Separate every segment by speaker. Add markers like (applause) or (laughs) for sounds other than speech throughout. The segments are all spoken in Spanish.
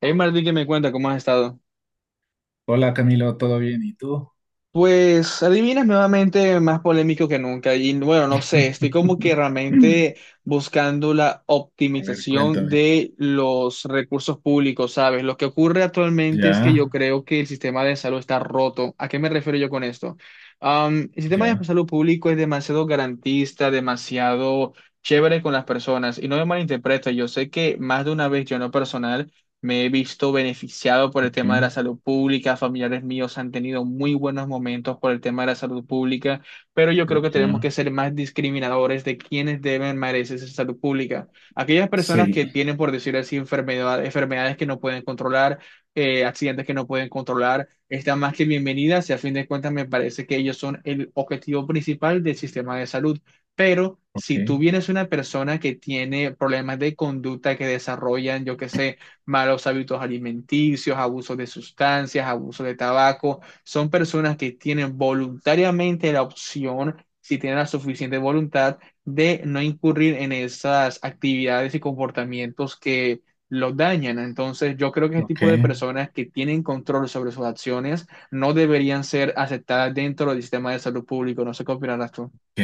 Speaker 1: Hey, Martín, que me cuenta? ¿Cómo has estado?
Speaker 2: Hola Camilo, ¿todo bien? ¿Y tú?
Speaker 1: Pues adivinas nuevamente más polémico que nunca. Y bueno, no sé, estoy como que
Speaker 2: (laughs)
Speaker 1: realmente buscando la
Speaker 2: A ver,
Speaker 1: optimización
Speaker 2: cuéntame.
Speaker 1: de los recursos públicos, ¿sabes? Lo que ocurre actualmente es que
Speaker 2: Ya,
Speaker 1: yo creo que el sistema de salud está roto. ¿A qué me refiero yo con esto? El sistema de
Speaker 2: ya,
Speaker 1: salud público es demasiado garantista, demasiado chévere con las personas. Y no me malinterpretes, yo sé que más de una vez yo no personal me he visto beneficiado por el
Speaker 2: ok,
Speaker 1: tema de la salud pública, familiares míos han tenido muy buenos momentos por el tema de la salud pública, pero yo creo que tenemos
Speaker 2: ya.
Speaker 1: que ser más discriminadores de quienes deben merecerse esa salud pública. Aquellas personas
Speaker 2: Sí,
Speaker 1: que tienen, por decir así, enfermedades que no pueden controlar, accidentes que no pueden controlar, están más que bienvenidas y a fin de cuentas me parece que ellos son el objetivo principal del sistema de salud. Pero si tú
Speaker 2: ok,
Speaker 1: vienes una persona que tiene problemas de conducta que desarrollan, yo qué sé, malos hábitos alimenticios, abuso de sustancias, abuso de tabaco. Son personas que tienen voluntariamente la opción, si tienen la suficiente voluntad, de no incurrir en esas actividades y comportamientos que los dañan. Entonces, yo creo que ese
Speaker 2: ok,
Speaker 1: tipo de personas que tienen control sobre sus acciones no deberían ser aceptadas dentro del sistema de salud público. No sé qué opinarás tú.
Speaker 2: ok.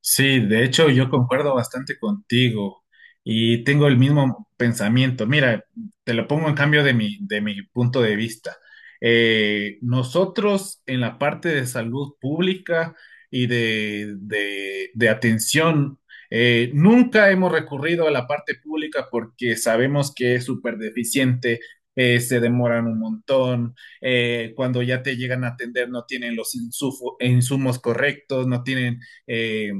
Speaker 2: Sí, de hecho yo concuerdo bastante contigo y tengo el mismo pensamiento. Mira, te lo pongo en cambio de mi punto de vista. Nosotros en la parte de salud pública y de atención, nunca hemos recurrido a la parte pública porque sabemos que es súper deficiente, se demoran un montón, cuando ya te llegan a atender no tienen los insumos correctos, no tienen eh,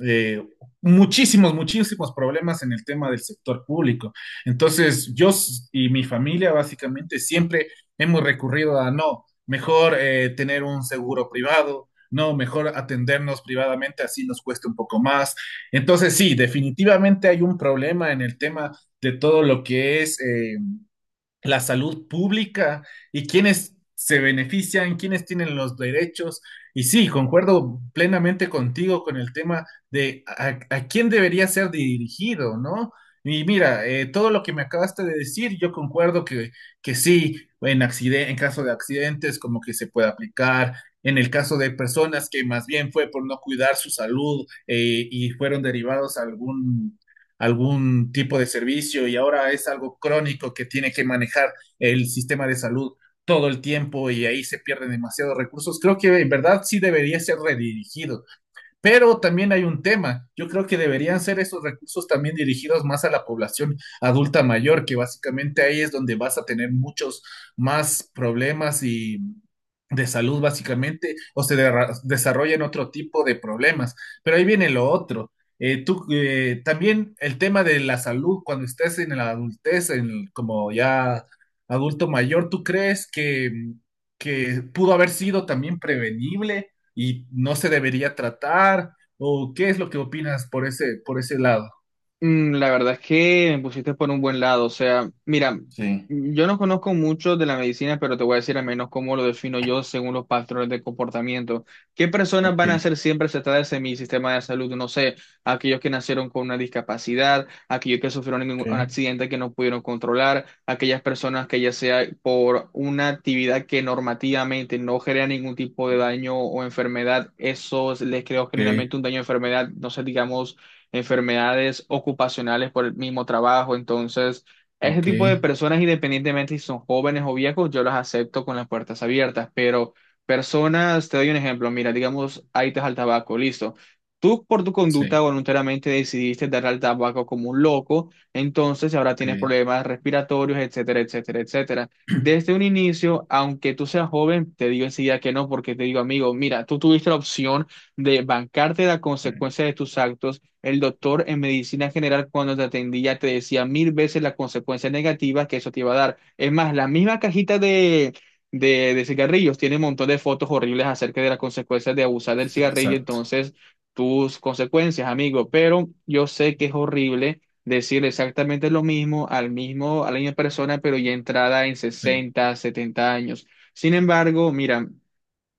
Speaker 2: eh, muchísimos, muchísimos problemas en el tema del sector público. Entonces, yo y mi familia básicamente siempre hemos recurrido a no, mejor tener un seguro privado, no, mejor atendernos privadamente, así nos cuesta un poco más. Entonces, sí, definitivamente hay un problema en el tema de todo lo que es, la salud pública y quiénes se benefician, quiénes tienen los derechos. Y sí, concuerdo plenamente contigo con el tema de a quién debería ser dirigido, ¿no? Y mira, todo lo que me acabaste de decir, yo concuerdo que sí, en caso de accidentes, como que se puede aplicar. En el caso de personas que más bien fue por no cuidar su salud, y fueron derivados a algún tipo de servicio y ahora es algo crónico que tiene que manejar el sistema de salud todo el tiempo, y ahí se pierden demasiados recursos. Creo que en verdad sí debería ser redirigido, pero también hay un tema. Yo creo que deberían ser esos recursos también dirigidos más a la población adulta mayor, que básicamente ahí es donde vas a tener muchos más problemas, y de salud básicamente, o se desarrollan otro tipo de problemas. Pero ahí viene lo otro. Tú, también el tema de la salud cuando estés en la adultez, en como ya adulto mayor, ¿tú crees que pudo haber sido también prevenible y no se debería tratar? ¿O qué es lo que opinas por ese lado?
Speaker 1: Mm, la verdad es que me pusiste por un buen lado. O sea, mira,
Speaker 2: Sí.
Speaker 1: yo no conozco mucho de la medicina, pero te voy a decir al menos cómo lo defino yo según los patrones de comportamiento. ¿Qué personas
Speaker 2: Ok,
Speaker 1: van a ser siempre aceptadas en mi sistema de salud? No sé, aquellos que nacieron con una discapacidad, aquellos que sufrieron en
Speaker 2: ok,
Speaker 1: un accidente que no pudieron controlar, aquellas personas que ya sea por una actividad que normativamente no genera ningún tipo de daño o enfermedad, eso les creo
Speaker 2: ok,
Speaker 1: generalmente un daño o enfermedad, no sé, digamos enfermedades ocupacionales por el mismo trabajo. Entonces, a ese
Speaker 2: ok,
Speaker 1: tipo de personas, independientemente si son jóvenes o viejos, yo las acepto con las puertas abiertas. Pero personas, te doy un ejemplo, mira, digamos, ahí te al tabaco, listo. Tú por tu conducta
Speaker 2: sí,
Speaker 1: voluntariamente decidiste dar al tabaco como un loco, entonces ahora
Speaker 2: ok.
Speaker 1: tienes problemas respiratorios, etcétera, etcétera, etcétera. Desde un
Speaker 2: (clears throat)
Speaker 1: inicio, aunque tú seas joven, te digo enseguida que no, porque te digo, amigo, mira, tú tuviste la opción de bancarte la consecuencia de tus actos. El doctor en medicina general cuando te atendía te decía 1000 veces las consecuencias negativas que eso te iba a dar. Es más, la misma cajita de cigarrillos tiene un montón de fotos horribles acerca de las consecuencias de abusar del cigarrillo,
Speaker 2: Exacto,
Speaker 1: entonces tus consecuencias, amigo. Pero yo sé que es horrible decir exactamente lo mismo al mismo, a la misma persona, pero ya entrada en
Speaker 2: sí,
Speaker 1: 60, 70 años. Sin embargo, mira,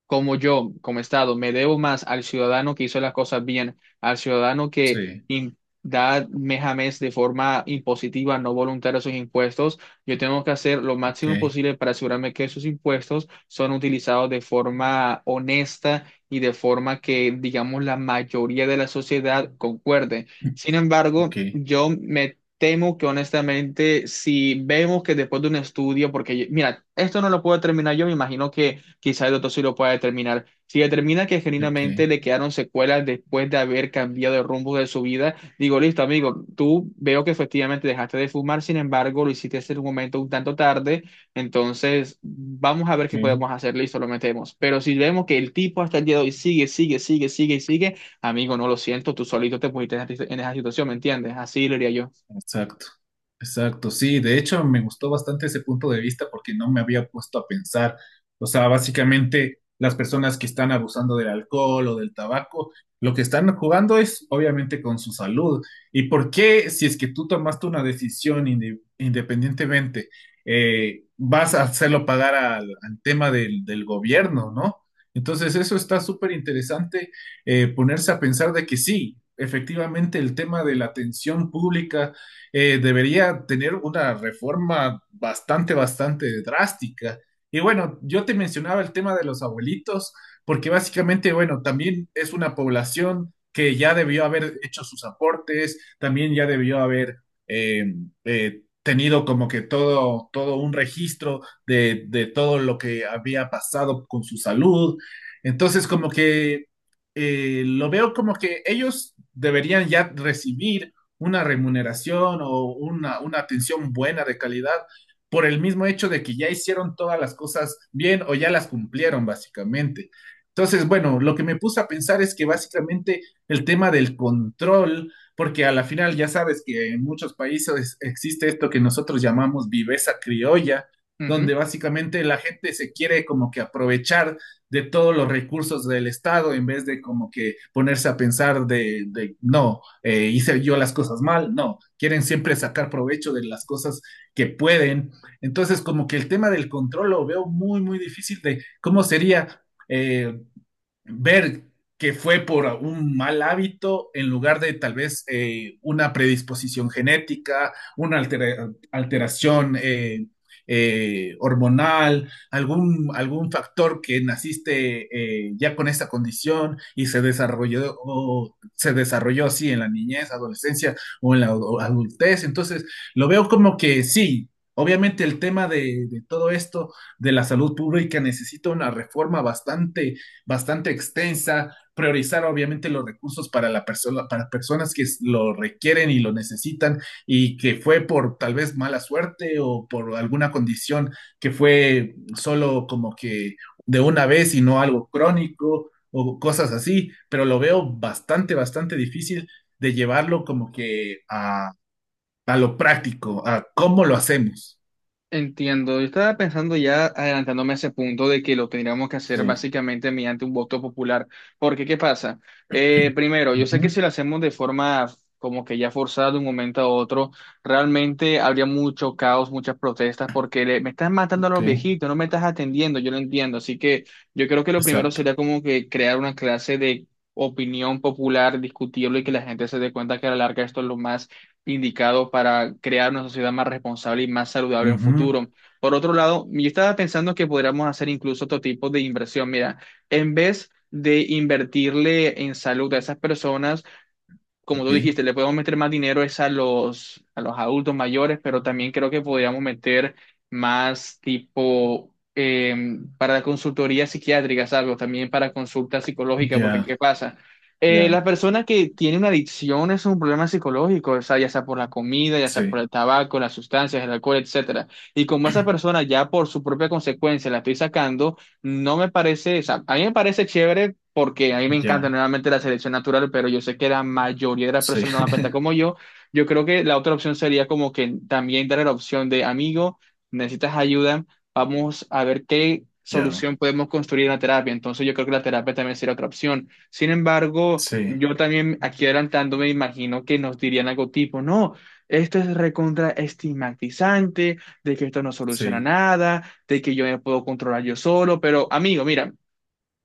Speaker 1: como yo, como Estado, me debo más al ciudadano que hizo las cosas bien, al ciudadano que
Speaker 2: sí.
Speaker 1: in- da mes a mes de forma impositiva, no voluntaria sus impuestos, yo tengo que hacer lo
Speaker 2: Ok,
Speaker 1: máximo posible para asegurarme que esos impuestos son utilizados de forma honesta y de forma que, digamos, la mayoría de la sociedad concuerde. Sin
Speaker 2: ok,
Speaker 1: embargo, yo me... temo que honestamente, si vemos que después de un estudio, porque mira, esto no lo puedo terminar yo, me imagino que quizá el doctor sí lo pueda determinar. Si determina que
Speaker 2: ok,
Speaker 1: genuinamente le quedaron secuelas después de haber cambiado el rumbo de su vida, digo, listo, amigo, tú veo que efectivamente dejaste de fumar, sin embargo, lo hiciste en un momento un tanto tarde, entonces vamos a ver qué
Speaker 2: ok.
Speaker 1: podemos hacer, listo, lo metemos. Pero si vemos que el tipo hasta el día de hoy sigue, sigue, sigue, sigue y sigue, amigo, no lo siento, tú solito te pusiste en esa situación, ¿me entiendes? Así lo diría yo.
Speaker 2: Exacto, exacto, sí, de hecho me gustó bastante ese punto de vista, porque no me había puesto a pensar, o sea, básicamente las personas que están abusando del alcohol o del tabaco, lo que están jugando es obviamente con su salud. ¿Y por qué, si es que tú tomaste una decisión independientemente, vas a hacerlo pagar al tema del gobierno? ¿No? Entonces eso está súper interesante, ponerse a pensar de que sí, efectivamente el tema de la atención pública, debería tener una reforma bastante, bastante drástica. Y bueno, yo te mencionaba el tema de los abuelitos, porque básicamente, bueno, también es una población que ya debió haber hecho sus aportes, también ya debió haber eh, tenido como que todo, todo un registro de todo lo que había pasado con su salud. Entonces, como que, lo veo como que ellos deberían ya recibir una remuneración o una atención buena de calidad, por el mismo hecho de que ya hicieron todas las cosas bien o ya las cumplieron básicamente. Entonces, bueno, lo que me puse a pensar es que básicamente el tema del control, porque a la final ya sabes que en muchos países existe esto que nosotros llamamos viveza criolla, donde básicamente la gente se quiere como que aprovechar de todos los recursos del Estado en vez de como que ponerse a pensar de no, hice yo las cosas mal, no, quieren siempre sacar provecho de las cosas que pueden. Entonces, como que el tema del control lo veo muy, muy difícil de cómo sería, eh, ver que fue por un mal hábito en lugar de tal vez, una predisposición genética, una alteración, hormonal, algún factor que naciste, ya con esa condición y se desarrolló, o se desarrolló así en la niñez, adolescencia o en la adultez. Entonces, lo veo como que sí. Obviamente el tema de todo esto de la salud pública necesita una reforma bastante, bastante extensa, priorizar obviamente los recursos para la persona, para personas que lo requieren y lo necesitan, y que fue por tal vez mala suerte o por alguna condición que fue solo como que de una vez y no algo crónico o cosas así, pero lo veo bastante, bastante difícil de llevarlo como que a lo práctico, a cómo lo hacemos.
Speaker 1: Entiendo, yo estaba pensando ya adelantándome a ese punto de que lo tendríamos que hacer
Speaker 2: Sí.
Speaker 1: básicamente mediante un voto popular. Porque, ¿qué pasa? Primero, yo sé que
Speaker 2: Ujú,
Speaker 1: si lo hacemos de forma como que ya forzada de un momento a otro, realmente habría mucho caos, muchas protestas, porque me estás matando a
Speaker 2: ok,
Speaker 1: los viejitos, no me estás atendiendo, yo lo entiendo. Así que yo creo que lo primero
Speaker 2: exacto.
Speaker 1: sería como que crear una clase de opinión popular, discutirlo y que la gente se dé cuenta que a la larga esto es lo más indicado para crear una sociedad más responsable y más saludable en
Speaker 2: Ujú,
Speaker 1: futuro. Por otro lado, yo estaba pensando que podríamos hacer incluso otro tipo de inversión. Mira, en vez de invertirle en salud a esas personas, como tú
Speaker 2: ok,
Speaker 1: dijiste, le podemos meter más dinero es a los adultos mayores, pero también creo que podríamos meter más tipo para la consultoría psiquiátrica, algo también para consulta psicológica, porque
Speaker 2: ya,
Speaker 1: ¿qué pasa? Las
Speaker 2: ya.
Speaker 1: personas que tienen una adicción es un problema psicológico, o sea, ya sea por la comida, ya sea por
Speaker 2: Sí,
Speaker 1: el tabaco, las sustancias, el alcohol, etcétera. Y como esa persona ya por su propia consecuencia la estoy sacando, no me parece, o sea, a mí me parece chévere porque a mí me encanta
Speaker 2: ya,
Speaker 1: nuevamente la selección natural, pero yo sé que la mayoría de las
Speaker 2: sí,
Speaker 1: personas no van a pensar como
Speaker 2: (laughs)
Speaker 1: yo. Yo creo que la otra opción sería como que también dar la opción de amigo, necesitas ayuda, vamos a ver qué
Speaker 2: ya,
Speaker 1: solución podemos construir en la terapia. Entonces yo creo que la terapia también sería otra opción. Sin embargo,
Speaker 2: sí,
Speaker 1: yo también aquí adelantando me imagino que nos dirían algo tipo, no, esto es recontra estigmatizante, de que esto no soluciona
Speaker 2: sí,
Speaker 1: nada, de que yo me puedo controlar yo solo, pero amigo, mira,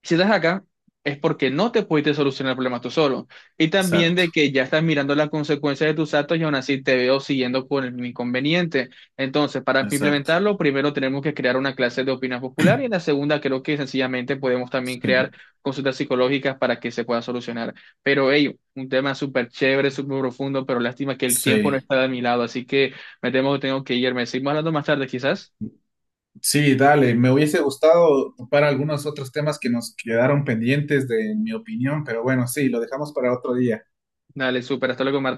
Speaker 1: si estás acá es porque no te pudiste solucionar el problema tú solo. Y también
Speaker 2: exacto,
Speaker 1: de que ya estás mirando las consecuencias de tus actos y aún así te veo siguiendo por el inconveniente. Entonces, para
Speaker 2: exacto,
Speaker 1: implementarlo, primero tenemos que crear una clase de opinión popular y en la segunda creo que sencillamente podemos también crear
Speaker 2: sí,
Speaker 1: consultas psicológicas para que se pueda solucionar. Pero, hey, un tema súper chévere, súper profundo, pero lástima que el tiempo no
Speaker 2: sí.
Speaker 1: está de mi lado, así que me temo que tengo que irme. Seguimos hablando más tarde, quizás.
Speaker 2: Sí, dale, me hubiese gustado para algunos otros temas que nos quedaron pendientes de mi opinión, pero bueno, sí, lo dejamos para otro día.
Speaker 1: Dale, súper, hasta luego, Marta.